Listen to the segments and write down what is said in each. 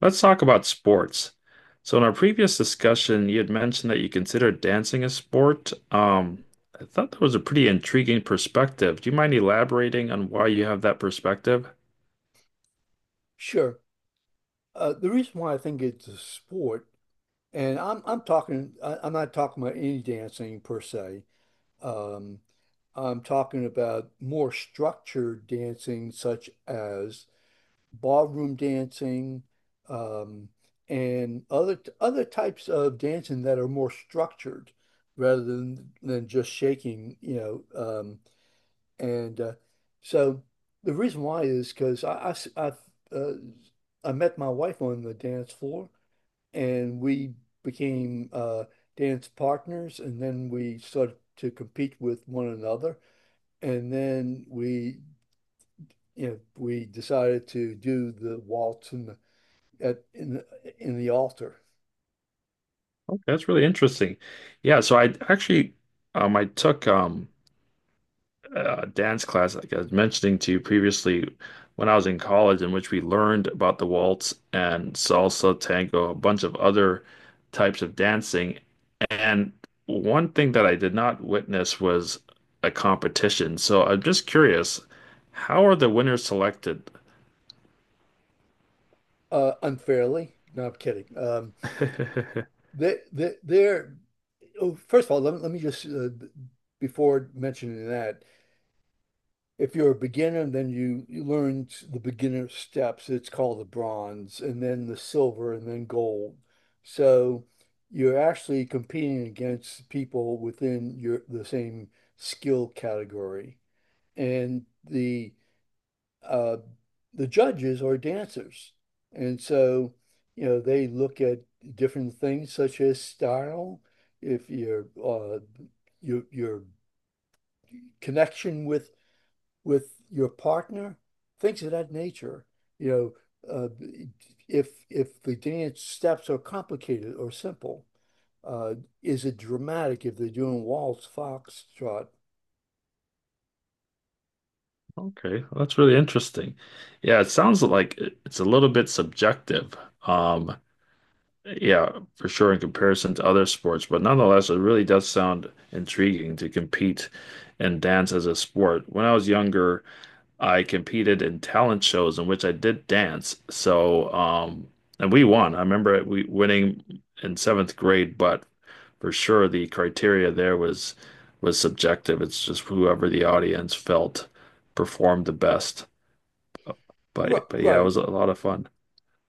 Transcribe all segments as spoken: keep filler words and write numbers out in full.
Let's talk about sports. So in our previous discussion, you had mentioned that you consider dancing a sport. Um, I thought that was a pretty intriguing perspective. Do you mind elaborating on why you have that perspective? Sure. Uh, the reason why I think it's a sport, and I'm I'm talking, I, I'm not talking about any dancing per se. Um, I'm talking about more structured dancing, such as ballroom dancing, um, and other t- other types of dancing that are more structured, rather than than just shaking, you know, um, and uh, so the reason why is because I, I s- I, uh, I met my wife on the dance floor and we became uh, dance partners. And then we started to compete with one another. And then we, you know, we decided to do the waltz in the, at, in the, in the altar. Okay, that's really interesting. Yeah, so I actually um I took um uh, dance class, like I was mentioning to you previously, when I was in college, in which we learned about the waltz and salsa, tango, a bunch of other types of dancing. And one thing that I did not witness was a competition. So I'm just curious, how are the winners selected? Uh, unfairly. No, I'm kidding. Um, they, they, they're, oh, first of all, let me, let me just, uh, b- before mentioning that, if you're a beginner, then you, you learn the beginner steps. It's called the bronze, and then the silver, and then gold. So you're actually competing against people within your the same skill category. And the uh, the judges are dancers. And so, you know, they look at different things such as style, if your uh, your your connection with with your partner, things of that nature. You know, uh, if if the dance steps are complicated or simple, uh, is it dramatic if they're doing waltz, foxtrot? Okay, well, that's really interesting. Yeah, it sounds like it- it's a little bit subjective. Um, Yeah, for sure in comparison to other sports, but nonetheless, it really does sound intriguing to compete and dance as a sport. When I was younger, I competed in talent shows in which I did dance. So, um, and we won. I remember it- we winning in seventh grade, but for sure the criteria there was was subjective. It's just whoever the audience felt performed the best. Right, But but yeah, it was right. a lot of fun.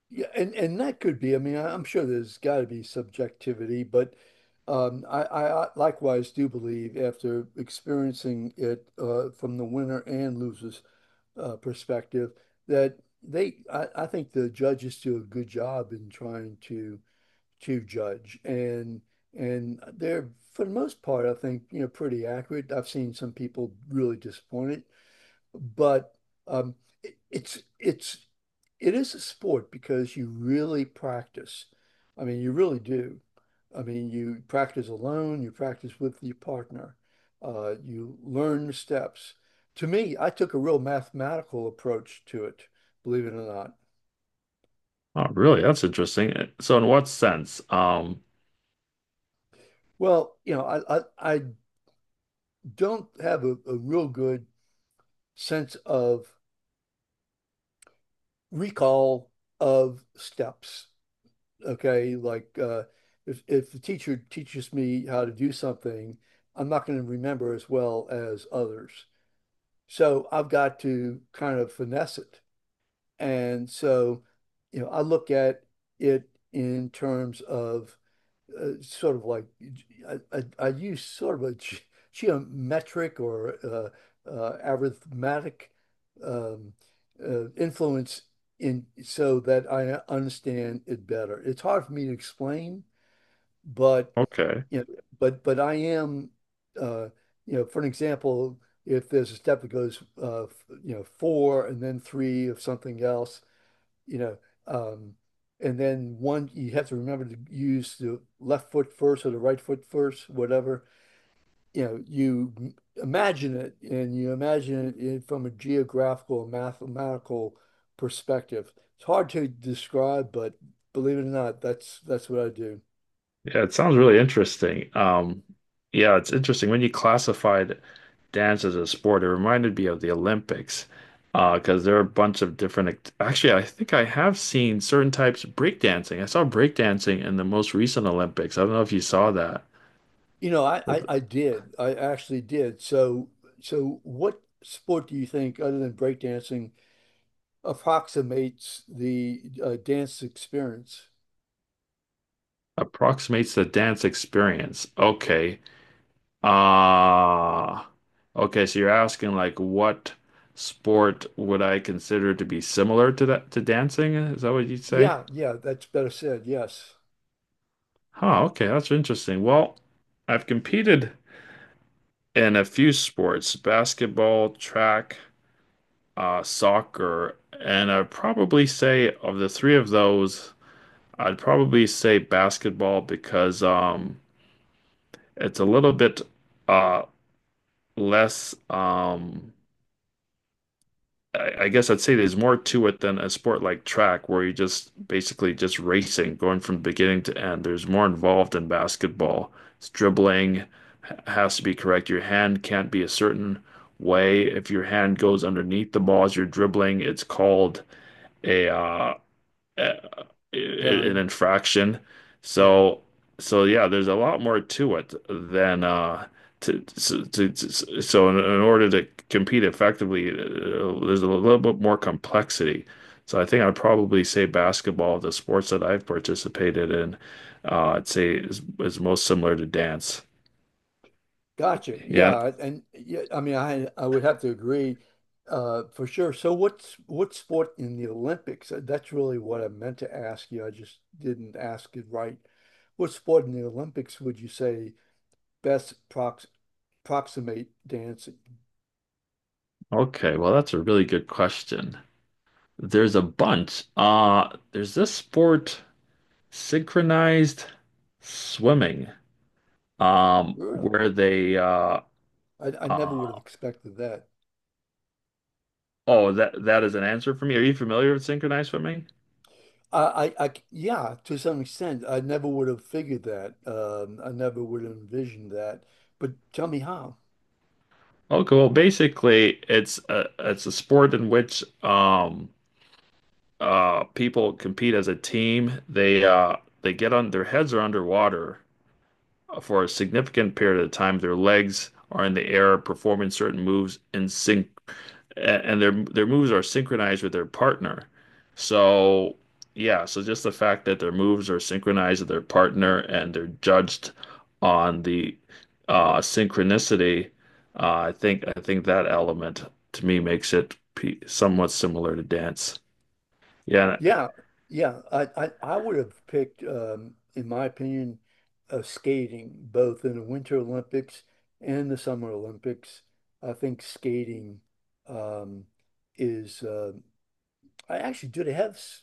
Yeah, and and that could be. I mean, I- I'm sure there's got to be subjectivity, but um, I, I I likewise do believe after experiencing it uh, from the winner and losers uh, perspective that they I, I think the judges do a good job in trying to to judge and and they're for the most part, I think, you know, pretty accurate. I've seen some people really disappointed, but um, it, it's it's it is a sport because you really practice. I mean, you really do. I mean, you practice alone, you practice with your partner, uh, you learn the steps. To me, I took a real mathematical approach to it, believe it or not. Oh, really? That's interesting. Uh, So, in what sense? Um, Well, you know, I I, I don't have a, a real good sense of recall of steps. Okay, like uh, if if the teacher teaches me how to do something, I'm not going to remember as well as others. So I've got to kind of finesse it. And so, you know, I look at it in terms of uh, sort of like I, I, I use sort of a ge- geometric or uh, uh, arithmetic um, uh, influence in so that I understand it better. It's hard for me to explain, but okay. you know, but but I am, uh, you know, for an example, if there's a step that goes uh, f- you know, four and then three of something else, you know, um, and then one, you have to remember to use the left foot first or the right foot first, whatever. You know, you imagine it and you imagine it from a geographical, mathematical perspective. It's hard to describe, but believe it or not, that's that's what I do. Yeah, it sounds really interesting. Um, yeah, it's interesting. When you classified dance as a sport, it reminded me of the Olympics, uh, because there are a bunch of different act actually, I think I have seen certain types of breakdancing. I saw breakdancing in the most recent Olympics. I don't know if you saw that. You know, I, That I, I did. I actually did. So so what sport do you think, other than breakdancing, approximates the uh, dance experience? Approximates the dance experience. Okay. Uh okay, so you're asking like what sport would I consider to be similar to that to dancing? Is that what you'd say? Yeah, yeah, that's better said. Yes, Huh, okay, that's interesting. Well, I've competed in a few sports, basketball, track, uh, soccer, and I'd probably say of the three of those, I'd probably say basketball because um it's a little bit uh less um I, I guess I'd say there's more to it than a sport like track where you just basically just racing, going from beginning to end. There's more involved in basketball. It's dribbling ha- has to be correct. Your hand can't be a certain way. If your hand goes underneath the ball as you're dribbling, it's called a uh a i- an caring. infraction. Yeah, So so yeah, there's a lot more to it than uh to, to, to, to- so in, in order to compete effectively, uh, there's a little bit more complexity. So I think I'd probably say basketball, the sports that I've participated in, uh, I'd say is, is most similar to dance. gotcha. Yeah. Yeah, and yeah, I mean, I I would have to agree, uh, for sure. So, what's what sport in the Olympics? Uh, That's really what I meant to ask you. I just didn't ask it right. What sport in the Olympics would you say best prox proximate dancing? Okay. Well, that's a really good question. There's a bunch. Uh, there's this sport, synchronized swimming. Um, Really? where they uh, I I never would have uh, expected that. oh that that is an answer for me. Are you familiar with synchronized swimming? I, I, I- yeah, to some extent, I never would have figured that. Um, I never would have envisioned that. But tell me how. Okay, well, basically, it's a it's a sport in which um uh people compete as a team. They uh they get on their heads are underwater for a significant period of time. Their legs are in the air, performing certain moves in sync a- and their their moves are synchronized with their partner. So yeah, so just the fact that their moves are synchronized with their partner and they're judged on the uh, synchronicity, uh, I think I think that element to me makes it pe somewhat similar to dance. Yeah, Yeah, yeah, I, I, I would have picked, um, in my opinion, uh, skating both in the Winter Olympics and the Summer Olympics. I think skating, um, is. Uh, I actually, do they have s-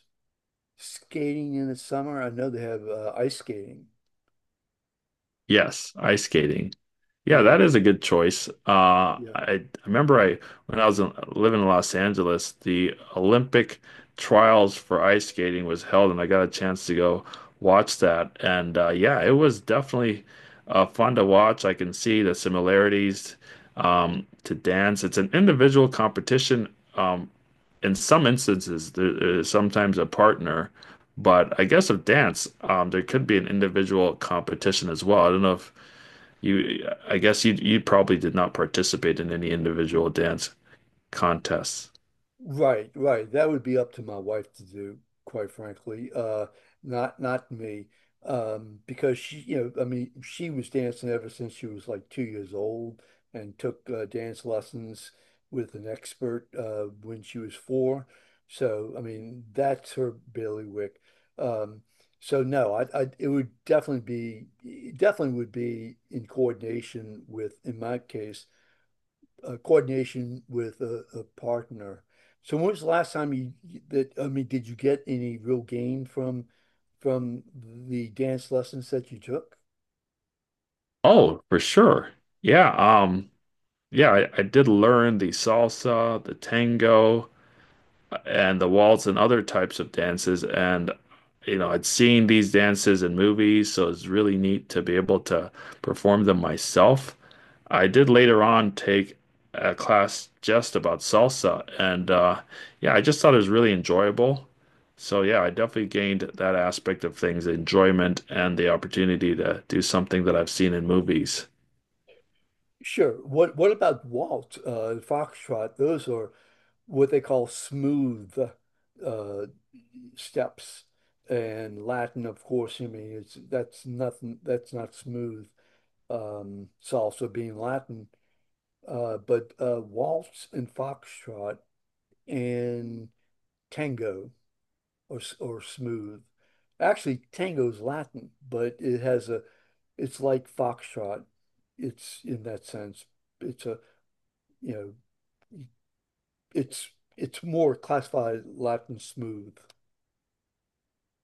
skating in the summer? I know they have uh, ice skating. yes, ice skating. Yeah, that Yeah, is a good choice. Uh, yeah. I, I remember I when I was in, living in Los Angeles, the Olympic trials for ice skating was held, and I got a chance to go watch that. And uh, yeah, it was definitely uh, fun to watch. I can see the similarities um, to dance. It's an individual competition. Um, in some instances, there is sometimes a partner, but I guess of dance, um, there could be an individual competition as well. I don't know if you, I guess you you probably did not participate in any individual dance contests. Right, right. That would be up to my wife to do, quite frankly. Uh, not not me. Um, because she, you know, I mean, she was dancing ever since she was like two years old and took uh, dance lessons with an expert uh, when she was four. So, I mean, that's her bailiwick. Um, so no, I, I it would definitely be, it definitely would be in coordination with, in my case, uh, coordination with a, a partner. So when was the last time you that I mean, did you get any real gain from from the dance lessons that you took? Oh, for sure. Yeah, um, yeah, I, I did learn the salsa, the tango, and the waltz and other types of dances. And, you know, I'd seen these dances in movies, so it's really neat to be able to perform them myself. I did later on take a class just about salsa, and uh, yeah, I just thought it was really enjoyable. So yeah, I definitely gained that aspect of things, enjoyment and the opportunity to do something that I've seen in movies. Sure. What what about waltz, uh, foxtrot? Those are what they call smooth, uh, steps, and Latin, of course. I mean, it's that's nothing. That's not smooth. Um, salsa being Latin, uh, but uh, waltz and foxtrot and tango. Or or smooth. Actually, tango's Latin, but it has a it's like foxtrot. It's in that sense. It's a you know it's it's more classified Latin smooth.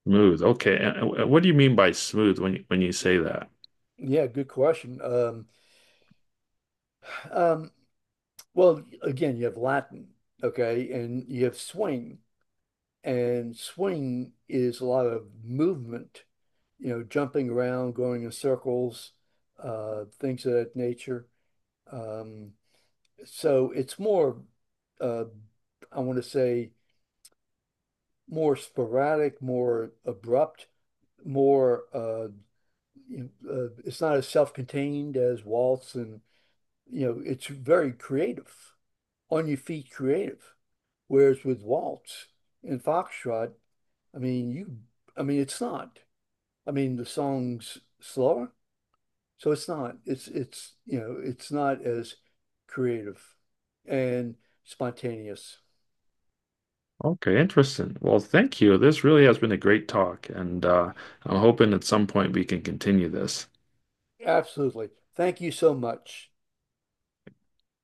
Smooth. Okay. And and what do you mean by smooth when you, when you say that? Yeah, good question. Um, um, well, again, you have Latin, okay, and you have swing, and swing is a lot of movement, you know, jumping around, going in circles, uh, things of that nature. Um, So it's more, uh, I want to say, more sporadic, more abrupt, more. Uh, you know, uh, it's not as self-contained as waltz, and you know, it's very creative, on your feet, creative. Whereas with waltz and foxtrot, I mean, you, I mean, it's not. I mean, the song's slower, so it's not. It's it's, you know, it's not as creative and spontaneous. Okay, interesting. Well, thank you. This really has been a great talk, and uh, I'm hoping at some point we can continue this. Absolutely. Thank you so much.